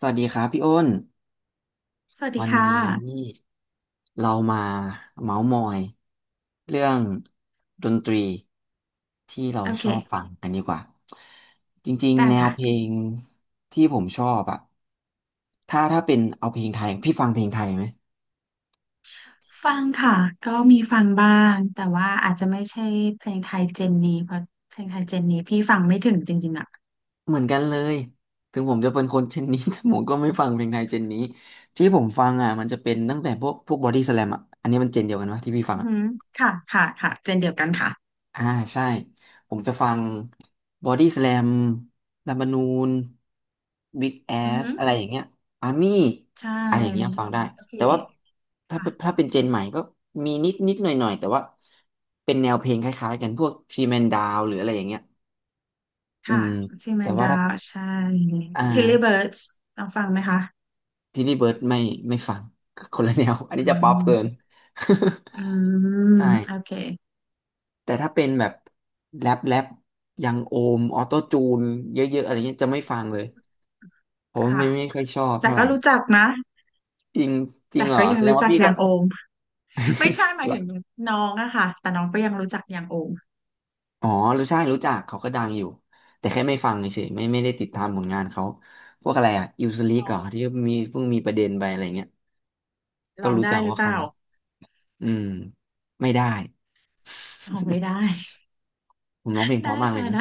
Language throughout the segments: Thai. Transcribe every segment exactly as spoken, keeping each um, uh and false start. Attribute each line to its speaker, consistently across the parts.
Speaker 1: สวัสดีครับพี่อ้น
Speaker 2: สวัสดี
Speaker 1: วัน
Speaker 2: ค
Speaker 1: นี
Speaker 2: ่ะ
Speaker 1: ้เรามาเมาส์มอยเรื่องดนตรีที่เรา
Speaker 2: โอ
Speaker 1: ช
Speaker 2: เค
Speaker 1: อบฟังกันดีกว่าจริง
Speaker 2: ได้
Speaker 1: ๆแนว
Speaker 2: ค่ะ
Speaker 1: เพลงที่ผมชอบอะถ้าถ้าเป็นเอาเพลงไทยพี่ฟังเพลงไทยไหม
Speaker 2: ฟังค่ะก็มีฟังบ้างแต่ว่าอาจจะไม่ใช่เพลงไทยเจนนี้เพราะเพลงไทยเจนนี้พี่ฟังไม่ถึงจริงๆอ่ะ
Speaker 1: เหมือนกันเลยถึงผมจะเป็นคนเจนนี้ แต่ผมก็ไม่ฟังเพลงไทยเจนนี้ที่ผมฟังอ่ะมันจะเป็นตั้งแต่พวกพวกบอดี้สแลมอ่ะอันนี้มันเจนเดียวกันวะที่พี่ฟัง
Speaker 2: อือ
Speaker 1: อะ
Speaker 2: หือค่ะค่ะค่ะเจนเดียวกันค่ะ
Speaker 1: อ่าใช่ผมจะฟังบอดี้ส a ลมลัมบานูนบิ๊กแอ
Speaker 2: อือหื
Speaker 1: ส
Speaker 2: อ
Speaker 1: อะไรอย่างเงี้ยอาร์มี่
Speaker 2: ใช
Speaker 1: อะไรอย่างเงี้ย
Speaker 2: ่
Speaker 1: ฟังได้
Speaker 2: โอเค
Speaker 1: แต่ว่าถ้า
Speaker 2: ค่ะ
Speaker 1: ถ้าเป็นเจนใหม่ก็มีนิดนิดหน่อยหน่อยแต่ว่าเป็นแนวเพลงคล้ายๆกันพวกทรีแมนดาวหรืออะไรอย่างเงี้ยอื
Speaker 2: ค่ะ
Speaker 1: ม
Speaker 2: ทีแม
Speaker 1: แต่
Speaker 2: น
Speaker 1: ว่า
Speaker 2: ดา
Speaker 1: ถ้า
Speaker 2: วใช่
Speaker 1: อ่า
Speaker 2: ทิลลี่เบิร์ดส์ลองฟังไหมคะ
Speaker 1: ทีนี่เบิร์ดไม่ไม่ฟังคนละแนว อัน
Speaker 2: อื
Speaker 1: นี้จะป๊อปเกิน
Speaker 2: มอื ม
Speaker 1: ใช่
Speaker 2: โอเค
Speaker 1: แต่ถ้าเป็นแบบแรปแรปยังโอมออโต้จูนเยอะๆอะไรเงี้ยจะไม่ฟังเลย ผม
Speaker 2: ค่ะ
Speaker 1: ไม่ไม่ค่อยชอบ
Speaker 2: แต่
Speaker 1: เท่าไห
Speaker 2: ก็
Speaker 1: ร่
Speaker 2: รู้จักนะ
Speaker 1: จริงจริ
Speaker 2: แต่
Speaker 1: งเหร
Speaker 2: ก็
Speaker 1: อ
Speaker 2: ยั
Speaker 1: แส
Speaker 2: ง
Speaker 1: ดง
Speaker 2: รู้
Speaker 1: ว่า
Speaker 2: จัก
Speaker 1: พี่
Speaker 2: อ
Speaker 1: ก็
Speaker 2: ย่างโอมไม่ใช่ห มาย
Speaker 1: เห
Speaker 2: ถึง
Speaker 1: ร
Speaker 2: น้องอะค่ะแต่น้องก็ยังรู้จักอย่างโอม
Speaker 1: ออ๋อรู้ใช่รู้จักเขาก็ดังอยู่แต่แค่ไม่ฟังเฉยๆไม่ไม่ได้ติดตามผลงานเขาพวกอะไรอ่ะอิวสลี
Speaker 2: ล
Speaker 1: ก
Speaker 2: อ
Speaker 1: เหร
Speaker 2: ง
Speaker 1: อที่มีเพิ่งมีประเด็นไปอะไรเงี้ยก็
Speaker 2: ลอง
Speaker 1: รู้
Speaker 2: ได้
Speaker 1: จัก
Speaker 2: หรื
Speaker 1: ว่า
Speaker 2: อเป
Speaker 1: เขา
Speaker 2: ล่า
Speaker 1: เนาะอืมไม่ได้
Speaker 2: ลองไม่ได้
Speaker 1: ผมร้องเพลง เพ
Speaker 2: ได้
Speaker 1: ราะมากเล
Speaker 2: ค่ะ
Speaker 1: ยนะ
Speaker 2: ได้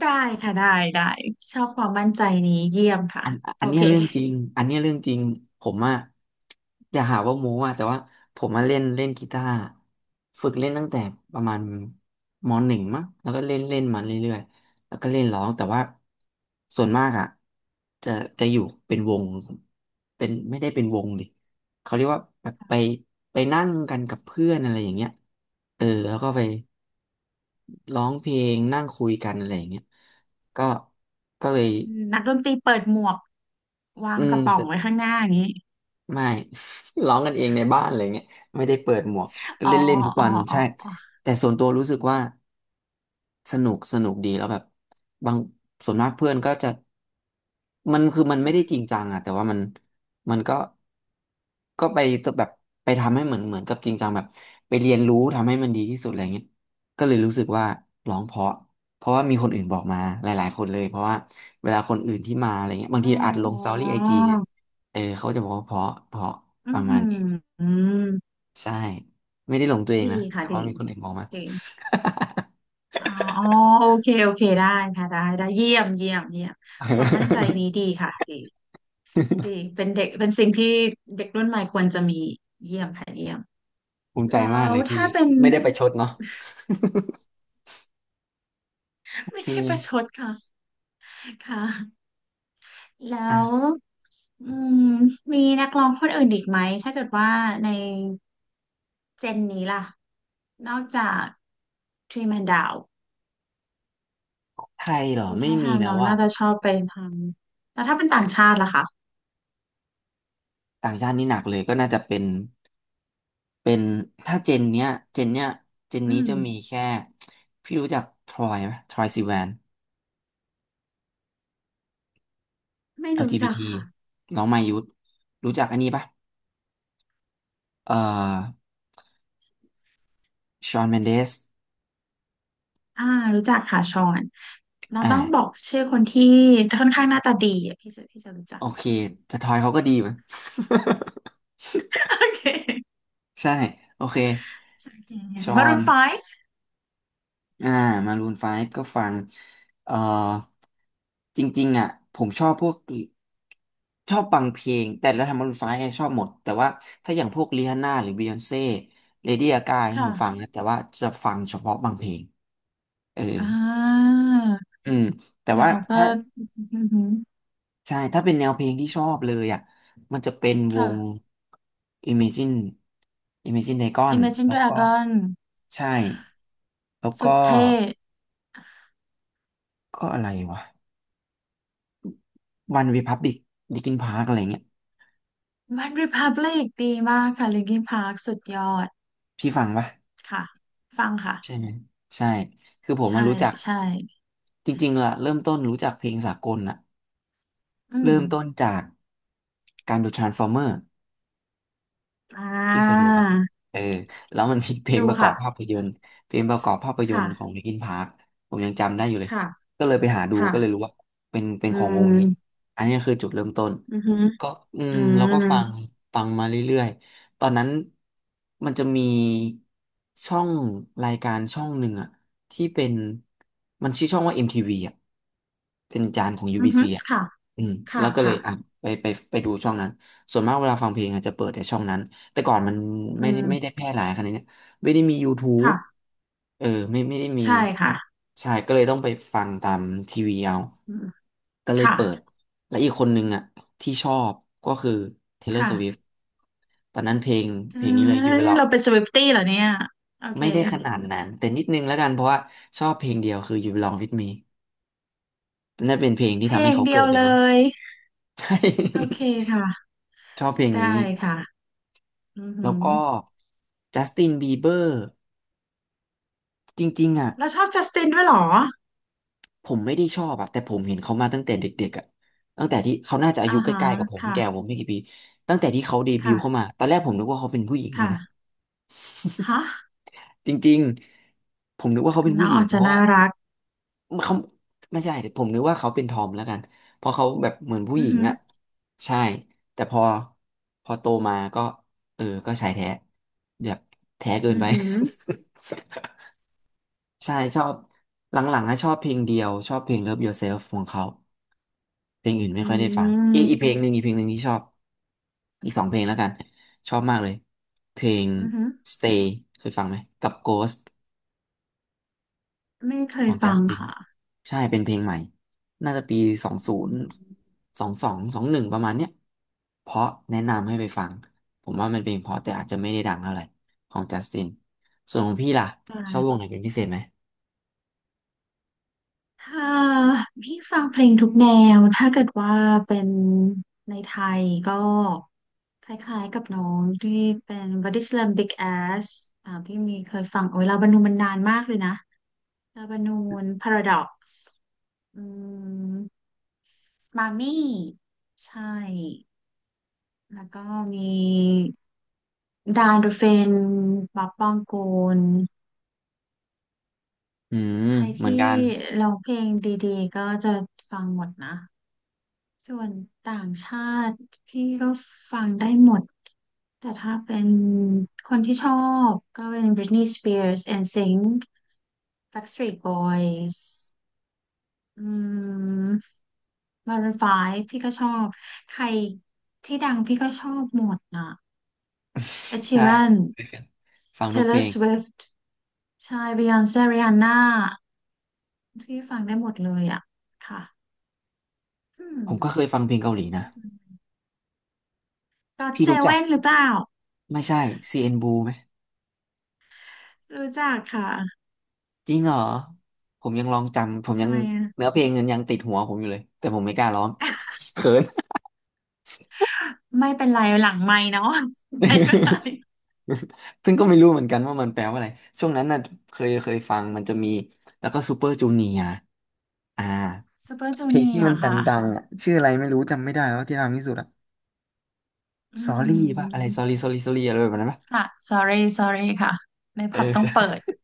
Speaker 2: ได้ค่ะได้ได้ ชอบความมั่นใจนี้เยี่ยมค่ะ
Speaker 1: อัน
Speaker 2: โอ
Speaker 1: อันเนี้
Speaker 2: เค
Speaker 1: ยเรื่องจริงอันเนี้ยเรื่องจริงผมอะอย่าหาว่าโม้อะแต่ว่าผมมาเล่นเล่นกีตาร์ฝึกเล่นตั้งแต่ประมาณมหนึ่งมั้งแล้วก็เล่นเล่นมาเรื่อยๆแล้วก็เล่นร้องแต่ว่าส่วนมากอะจะจะอยู่เป็นวงเป็นไม่ได้เป็นวงดิเขาเรียกว่าแบบไปไปนั่งกันกับเพื่อนอะไรอย่างเงี้ยเออแล้วก็ไปร้องเพลงนั่งคุยกันอะไรอย่างเงี้ยก็ก็เลย
Speaker 2: นักดนตรีเปิดหมวกวา
Speaker 1: อื
Speaker 2: งก
Speaker 1: ม
Speaker 2: ระป๋องไว้ข้างหน้าอย่างนี้
Speaker 1: ไม่ ร้องกันเองในบ้านอะไรเงี้ยไม่ได้เปิดหมวกก็
Speaker 2: อ๋อ
Speaker 1: เล่นเล่นทุก
Speaker 2: อ๋อ
Speaker 1: วัน
Speaker 2: อ๋อ
Speaker 1: ใช่
Speaker 2: อ๋อ
Speaker 1: แต่ส่วนตัวรู้สึกว่า สนุกสนุกดีแล้วแบบบางส่วนมากเพื่อนก็จะมันคือมันไม่
Speaker 2: ค่ะ
Speaker 1: ได้จริงจังอะแต่ว่ามันมันก็ก็ไปแบบไปทำให้เหมือนเหมือนกับจริงจังแบบไปเรียนรู้ทำให้มันดีที่สุดอะไรเงี้ยก็เลยรู้สึกว่าร้องเพราะเพราะว่ามีคนอื่นบอกมาหลายๆคนเลยเพราะว่าเวลาคนอื่นที่มาอะไรเงี้ยบา
Speaker 2: อ๋
Speaker 1: งทีอัดลงสตอ
Speaker 2: อ
Speaker 1: รี่ไอจีเออเขาจะบอกว่าเพราะเพราะ
Speaker 2: อื
Speaker 1: ป
Speaker 2: อ
Speaker 1: ระมา
Speaker 2: หื
Speaker 1: ณ
Speaker 2: อ
Speaker 1: นี้
Speaker 2: อืม
Speaker 1: ใช่ไม่ได้ลงตัวเอง
Speaker 2: ดี
Speaker 1: นะ
Speaker 2: ค่ะ
Speaker 1: แต่
Speaker 2: ดี
Speaker 1: ว่ามีคนอื่นบอกมา
Speaker 2: ดีอ๋ออ๋อโอเคโอเค ได้ค่ะได้ได้เยี่ยมเยี่ยมเยี่ยม ความมั่นใจนี้ ดีค่ะดีดีเป็นเด็กเป็นสิ่งที่เด็กรุ่นใหม่ควรจะมีเยี่ยมค่ะเยี่ยม
Speaker 1: ภูมิใจ
Speaker 2: แล้
Speaker 1: มาก
Speaker 2: ว
Speaker 1: เลยพี่
Speaker 2: ถ้าเป็น
Speaker 1: ไม่ได้ไปชดเนาะ โอ
Speaker 2: ไม่
Speaker 1: เค
Speaker 2: ได้ประชดค่ะค่ะแล้
Speaker 1: อ่ะ
Speaker 2: วอืมมีนักร้องคนอื่นอีกไหมถ้าเกิดว่าในเจนนี้ล่ะนอกจากทรีแมนดาว
Speaker 1: ไทยเหรอ
Speaker 2: ดู
Speaker 1: ไม่
Speaker 2: ท่า
Speaker 1: มี
Speaker 2: ทาง
Speaker 1: แล้
Speaker 2: น้
Speaker 1: ว
Speaker 2: อง
Speaker 1: ว่ะ
Speaker 2: น่าจะชอบไปทางแล้วถ้าเป็นต่างชาติล่ะคะ
Speaker 1: ต่างชาตินี่หนักเลยก็น่าจะเป็นเป็นถ้าเจนเนี้ยเจนเนี้ยเจน
Speaker 2: อื
Speaker 1: นี้
Speaker 2: ม
Speaker 1: จะมีแค่พี่รู้จักทรอยไหมทรอยซิแวน
Speaker 2: ไม่รู้จัก
Speaker 1: แอล จี บี ที
Speaker 2: ค่ะ
Speaker 1: น้องมายุทธรู้จักอันนี้ปะเอ่อชอนเมนเดส
Speaker 2: อ่ารู้จักค่ะชอนเราต้องบอ
Speaker 1: อ่า
Speaker 2: กชื่อคนที่ค่อนข้างหน้าตาดีอะพี่จะพี่จะรู้จั
Speaker 1: โอ
Speaker 2: ก
Speaker 1: เคแต่ทรอยเขาก็ดีมั้ย
Speaker 2: โอเค
Speaker 1: ใช่โอเค
Speaker 2: โอเค
Speaker 1: ชอ
Speaker 2: มารู
Speaker 1: น
Speaker 2: นไฟว์
Speaker 1: อ่ามารูนไฟฟ์ก็ฟังเอ่อจริงๆอ่ะผมชอบพวกชอบฟังเพลงแต่แล้วทำมารูนไฟฟ์ชอบหมดแต่ว่าถ้าอย่างพวกริฮานน่าหรือบียอนเซ่เลดี้กาผมฟัง
Speaker 2: ค่ะ
Speaker 1: นะแต่ว่าจะฟังเฉพาะบางเพลงเออ
Speaker 2: อ่า
Speaker 1: อืมแต่
Speaker 2: แล้ว
Speaker 1: ว่า
Speaker 2: เขาก็
Speaker 1: ถ้า
Speaker 2: อือหือ
Speaker 1: ใช่ถ้าเป็นแนวเพลงที่ชอบเลยอ่ะมันจะเป็นว
Speaker 2: ค่ะ
Speaker 1: ง Imagine Imagine Dragon
Speaker 2: Imagine
Speaker 1: แล้วก็
Speaker 2: Dragon
Speaker 1: ใช่แล้ว
Speaker 2: สุ
Speaker 1: ก็
Speaker 2: ดเท่
Speaker 1: ก็อะไรวะ One Republic Linkin Park อะไรเงี้ย
Speaker 2: One Republic ดีมากค่ะ Linkin Park สุดยอด
Speaker 1: พี่ฟังปะ
Speaker 2: ค่ะฟังค่ะ
Speaker 1: ใช่ไหมใช่คือผม
Speaker 2: ใช่
Speaker 1: มารู้จัก
Speaker 2: ใช่
Speaker 1: จริงๆล่ะเริ่มต้นรู้จักเพลงสากลน่ะ
Speaker 2: อืม
Speaker 1: เริ่มต้นจากการดู Transformer
Speaker 2: อ่
Speaker 1: พี่เคยดู
Speaker 2: า
Speaker 1: ป่ะเออแล้วมันมีเพลง
Speaker 2: ดู
Speaker 1: ประกอ
Speaker 2: ค่ะ
Speaker 1: บภาพยนตร์เพลงประกอบภาพยนต
Speaker 2: ค่ะ
Speaker 1: ร์ของลิ n กินพาร์คผมยังจำได้อยู่เลย
Speaker 2: ค่ะ
Speaker 1: ก็เลยไปหาดู
Speaker 2: ค่ะ
Speaker 1: ก็เลยรู้ว่าเป็นเป็น
Speaker 2: อื
Speaker 1: ของวงนี้
Speaker 2: ม
Speaker 1: อันนี้คือจุดเริ่มต้น
Speaker 2: อือหือ
Speaker 1: ก็อื
Speaker 2: อื
Speaker 1: มแล้วก็
Speaker 2: ม
Speaker 1: ฟังฟังมาเรื่อยๆ ตอนนั้นมันจะมีช่องรายการช่องหนึ่งอะที่เป็นมันชื่อช่องว่า เอ็ม ที วี อมทีวีอะเป็นจานของ
Speaker 2: อือหื
Speaker 1: ยู บี ซี
Speaker 2: อ
Speaker 1: อะ
Speaker 2: ค่ะ
Speaker 1: อืมแล้
Speaker 2: ค่ะ
Speaker 1: วก็เลย
Speaker 2: ค่ะ
Speaker 1: อ่ะไปไปไปดูช่องนั้น ส่วนมากเวลาฟังเพลงอาจจะเปิดในช่องนั้น แต่ก่อนมัน
Speaker 2: อื
Speaker 1: ไม่ได้ไม่ได้
Speaker 2: ม
Speaker 1: แพร่หลายขนาดเนี้ยไม่ได้มี YouTube
Speaker 2: ค่ะ
Speaker 1: เออไม่ไม่ได้มี
Speaker 2: ใช่ค่ะ
Speaker 1: ใช่ก็เลยต้องไปฟังตามทีวีเอา
Speaker 2: อืม
Speaker 1: ก็เลย
Speaker 2: ค่ะ
Speaker 1: เปิด และอีกคนนึงอ่ะที่ชอบก็คือ Taylor
Speaker 2: ค่ะ
Speaker 1: Swift ตอนนั้นเพลง
Speaker 2: เอ้
Speaker 1: เพลงนี้เลย You
Speaker 2: ย
Speaker 1: Belong
Speaker 2: เราเป็นสวิฟตี้เหรอเนี่ยโอเค
Speaker 1: ไม่ได้ขนาดนั้นแต่นิดนึงแล้วกันเพราะว่าชอบเพลงเดียวคือ You Belong With Me นั่นเป็นเพลง
Speaker 2: เพ
Speaker 1: ที่
Speaker 2: ล
Speaker 1: ทำให้
Speaker 2: ง
Speaker 1: เขา
Speaker 2: เดี
Speaker 1: เกิ
Speaker 2: ยว
Speaker 1: ดเลย
Speaker 2: เล
Speaker 1: มั้ง
Speaker 2: ย
Speaker 1: ใช่
Speaker 2: โอเคค่ะ
Speaker 1: ชอบเพลง
Speaker 2: ได้
Speaker 1: นี้
Speaker 2: ค่ะอือ
Speaker 1: แล้
Speaker 2: หื
Speaker 1: ว
Speaker 2: อ
Speaker 1: ก็ Justin Bieber จริงๆอ่ะ
Speaker 2: แล้วชอบจัสตินด้วยเหรอ
Speaker 1: ผมไม่ได้ชอบอ่ะแต่ผมเห็นเขามาตั้งแต่เด็กๆอ่ะตั้งแต่ที่เขาน่าจะอา
Speaker 2: อ่า
Speaker 1: ยุใก
Speaker 2: ฮะ
Speaker 1: ล้ๆกับผมแก่กว่า
Speaker 2: ค่ะ
Speaker 1: ผมไม่กี่ปีตั้งแต่ที่เขาเดบิวต์เข้า
Speaker 2: ค่ะ
Speaker 1: มาตอนแรกผมนึกว่าเขาเป็นผู้หญิงด้วยนะ
Speaker 2: ค่ะฮะ
Speaker 1: จริงๆผมนึกว่าเขาเป็น
Speaker 2: น้
Speaker 1: ผู้
Speaker 2: อง
Speaker 1: หญิง
Speaker 2: อาจ
Speaker 1: เพ
Speaker 2: จะ
Speaker 1: ราะ
Speaker 2: น่า
Speaker 1: ว่า
Speaker 2: รัก
Speaker 1: เขาไม่ใช่ผมนึกว่าเขาเป็นทอมแล้วกันเพราะเขาแบบเหมือนผู้
Speaker 2: อื
Speaker 1: ห
Speaker 2: อ
Speaker 1: ญิง
Speaker 2: หือ
Speaker 1: อ่ะใช่แต่พอพอโตมาก็เออก็ชายแท้แบบแท้เกิ
Speaker 2: อื
Speaker 1: น
Speaker 2: อ
Speaker 1: ไป
Speaker 2: หือ
Speaker 1: ใช่ชอบหลังๆอะชอบเพลงเดียวชอบเพลง Love Yourself ของเขา เพลงอื่นไม่
Speaker 2: อื
Speaker 1: ค่อยได้ฟังอีกอีกเพ
Speaker 2: ม
Speaker 1: ลงหนึ่งอีกเพลงหนึ่งที่ชอบอีกสองเพลงแล้วกันชอบมากเลยเพลง
Speaker 2: อือหือ
Speaker 1: Stay เคยฟังไหมกับ Ghost
Speaker 2: ไม่เค
Speaker 1: ข
Speaker 2: ย
Speaker 1: อง
Speaker 2: ฟัง
Speaker 1: Justin
Speaker 2: ค่ะ
Speaker 1: ใช่เป็นเพลงใหม่น่าจะปีสองศู
Speaker 2: อื
Speaker 1: นย์
Speaker 2: ม
Speaker 1: สองสองสองหนึ่งประมาณเนี้ยเพราะแนะนำให้ไปฟังผมว่ามันเป็นเพราะแต่อาจจะไม่ได้ดังเท่าไหร่ของ Justin ส่วนของพี่ล่ะชอบวง
Speaker 2: ค่ะ
Speaker 1: ไหนเป็นพิเศษไหม
Speaker 2: ถ้าพี่ฟังเพลงทุกแนว ถ้าเกิดว่าเป็นในไทยก็คล้ายๆกับน้องที่เป็น Body Slam Big Ass อ่าพี่มีเคยฟังโอ้ยลาบานูนมันนานมากเลยนะลาบานูน Paradox อืมมามี่ใช่แล้วก็มีดานดูเฟนป๊อปปองกูล
Speaker 1: อืม
Speaker 2: ใคร
Speaker 1: เหมือ
Speaker 2: ที่
Speaker 1: นกัน
Speaker 2: ร้องเพลงดีๆก็จะฟังหมดนะส่วนต่างชาติพี่ก็ฟังได้หมดแต่ถ้าเป็นคนที่ชอบก็เป็น Britney Spears เอ็นซิงค์ Backstreet Boys อืม Maroon ไฟว์พี่ก็ชอบใครที่ดังพี่ก็ชอบหมดน่ะ Ed Sheeran
Speaker 1: ใช่ ฟังทุกเพล
Speaker 2: Taylor
Speaker 1: ง
Speaker 2: Swift ใช่ Beyonce Rihanna พี่ฟังได้หมดเลยอ่ะค่ะอืม
Speaker 1: ผมก็เคยฟังเพลงเกาหลีนะ
Speaker 2: ก็อ o
Speaker 1: พี่
Speaker 2: เซ
Speaker 1: รู้
Speaker 2: เว
Speaker 1: จัก
Speaker 2: e นหรือเปล่า
Speaker 1: ไม่ใช่ ซี เอ็น Blue ไหม
Speaker 2: รู้จักค่ะ
Speaker 1: จริงเหรอผมยังลองจำผมยั
Speaker 2: ทำ
Speaker 1: ง
Speaker 2: ไมอะ
Speaker 1: เนื้อเพลงัยังติดหัวผมอยู่เลยแต่ผมไม่กล้าร้อง เขิน
Speaker 2: ไม่เป็นไรหลังไมค์เนาะ ไม่ก็ได้
Speaker 1: ซึ่งก็ไม่รู้เหมือนกันว่ามันแปลว่าอะไรช่วงนั้นน่ะเคยเคยฟังมันจะมีแล้วก็ซูเปอร์จูเนียร์อ่า
Speaker 2: Super
Speaker 1: เพลงที่
Speaker 2: Junior
Speaker 1: มันด
Speaker 2: ค่ะ
Speaker 1: ังๆอ่ะชื่ออะไรไม่รู้จำไม่ได้แล้วที่ดังที่สุดอ่ะ
Speaker 2: อื
Speaker 1: Sorry ป่ะอะไร
Speaker 2: ม
Speaker 1: Sorry Sorry Sorry อะไรแบบนั้นป่ะ
Speaker 2: ค่ะ sorry sorry ค่ะใน
Speaker 1: เออ
Speaker 2: ผับ ต้อง
Speaker 1: ใช่
Speaker 2: เปิด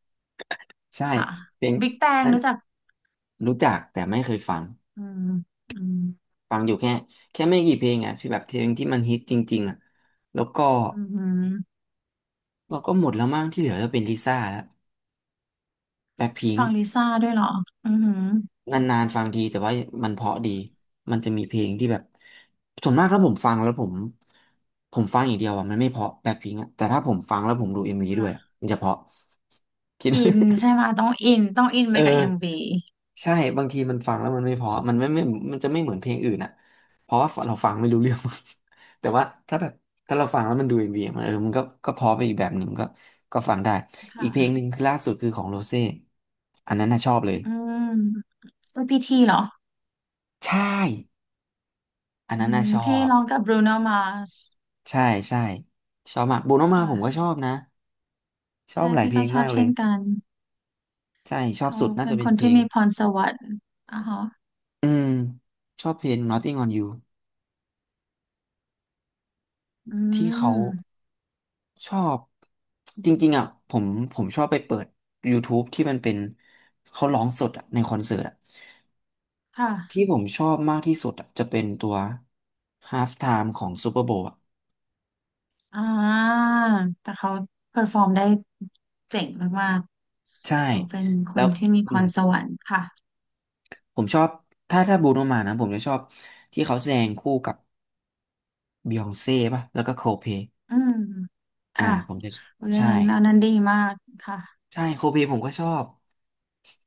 Speaker 1: ใช่
Speaker 2: ค่ะ
Speaker 1: เพลง
Speaker 2: Big Bang
Speaker 1: นั้น
Speaker 2: รู้จัก
Speaker 1: รู้จักแต่ไม่เคยฟัง
Speaker 2: อืมอืม
Speaker 1: ฟังอยู่แค่แค่ไม่กี่เพลงอ่ะที่แบบเพลงที่มันฮิตจริงๆอ่ะแล้วก็
Speaker 2: อืม
Speaker 1: เราก็หมดแล้วมั้งที่เหลือจะเป็นลิซ่าแล้วแบ็คพิง
Speaker 2: ฟั
Speaker 1: ค์
Speaker 2: งลิซ่าด้วยเหรออือหือ
Speaker 1: นานๆฟังทีแต่ว่ามันเพราะดีมันจะมีเพลงที่แบบส่วนมากถ้าผมฟังแล้วผมผมฟังอย่างเดียวอ่ะมันไม่เพราะแบ็คพิงค์อ่ะแต่ถ้าผมฟังแล้วผมดูเอ็มวีด้วยอะ
Speaker 2: ค่ะ
Speaker 1: มันจะเพราะ คิด
Speaker 2: อินใช่ไหมต้องอินต้องอิน
Speaker 1: เอ
Speaker 2: ไป
Speaker 1: อ
Speaker 2: กับเอ็มวี
Speaker 1: ใช่บางทีมันฟังแล้วมันไม่เพอมันไม่ไม่มันจะไม่เหมือนเพลงอื่นอ่ะเพราะว่าเราฟังไม่รู้เรื่อง แต่ว่าถ้าแบบถ้าเราฟังแล้วมันดูเอ็มวีมันเออมันก็ก็เพอไปอีกแบบหนึ่งก็ก็ฟังได้อีกเพลง
Speaker 2: ค่ะ
Speaker 1: หนึ่งคือล่าสุดคือของโรเซ่อันนั้นน่ะชอบเลย
Speaker 2: อืมก็พีทีเหรอ
Speaker 1: ใช่อัน
Speaker 2: อื
Speaker 1: นั้นน่ะ
Speaker 2: ม
Speaker 1: ชอ
Speaker 2: ที่
Speaker 1: บ
Speaker 2: ร้องกับบรูโนมาส
Speaker 1: ใช่ใช่ชอบมากโบโนมาผมก็ช
Speaker 2: ค่ะ
Speaker 1: อบนะชอบ
Speaker 2: ใช่
Speaker 1: หลาย
Speaker 2: พี่
Speaker 1: เพล
Speaker 2: ก็
Speaker 1: ง
Speaker 2: ชอ
Speaker 1: มา
Speaker 2: บ
Speaker 1: กเล
Speaker 2: เช่
Speaker 1: ย
Speaker 2: นกัน
Speaker 1: ใช่ชอบ
Speaker 2: เขา
Speaker 1: สุดน่า
Speaker 2: เป็
Speaker 1: จะ
Speaker 2: น
Speaker 1: เป็
Speaker 2: ค
Speaker 1: น
Speaker 2: น
Speaker 1: เพล
Speaker 2: ที่
Speaker 1: ง
Speaker 2: มีพรสวรรค์อ่ะฮะ
Speaker 1: อืมชอบเพลง Nothing on You
Speaker 2: อื
Speaker 1: ที่เขา
Speaker 2: ม
Speaker 1: ชอบจริงๆอ่ะผมผมชอบไปเปิด YouTube ที่มันเป็นเขาร้องสดอ่ะในคอนเสิร์ตอ่ะที่
Speaker 2: ค่ะ
Speaker 1: ผมชอบมากที่สุดอ่ะจะเป็นตัว Half Time ของ Super Bowl อ่ะ
Speaker 2: อ่าแต่เขาเ e อร์ฟอร์มได้เจ๋งมาก
Speaker 1: ใช่
Speaker 2: ๆเขาเป็นค
Speaker 1: แล้
Speaker 2: น
Speaker 1: ว
Speaker 2: ที่มี
Speaker 1: อื
Speaker 2: พ
Speaker 1: ม
Speaker 2: รสวรรค์ค่ะ
Speaker 1: ผมชอบถ้าถ้าบรูโนมานะผมจะชอบที่เขาแสดงคู่กับบิยองเซ่ป่ะแล้วก็โคลด์เพลย์
Speaker 2: อืม
Speaker 1: อ่า
Speaker 2: ค่ะ
Speaker 1: ผมจะ
Speaker 2: เพรานั้
Speaker 1: ใช่
Speaker 2: นอันนั้นดีมากค่ะ
Speaker 1: ใช่โคลด์เพลย์ผมก็ชอบ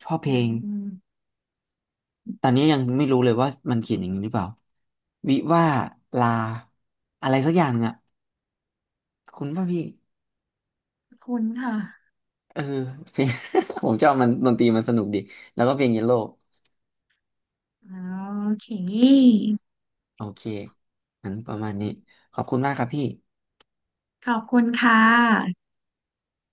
Speaker 1: ชอบเพ
Speaker 2: อื
Speaker 1: ล
Speaker 2: ม
Speaker 1: ง
Speaker 2: อืม
Speaker 1: ตอนนี้ยังไม่รู้เลยว่ามันเขียนอย่างนี้หรือเปล่าวิว่าลาอะไรสักอย่างหนึ่งอะ คุณป่ะพี่
Speaker 2: ขอบคุณค่ะ
Speaker 1: เออ เพลง ผมชอบมันดนตรีมันสนุกดีแล้วก็เพลงเยลโล่
Speaker 2: อ๋อโอเค
Speaker 1: โอเคงั้นประมาณนี้ขอบคุณมากครับพี่
Speaker 2: ขอบคุณค่ะ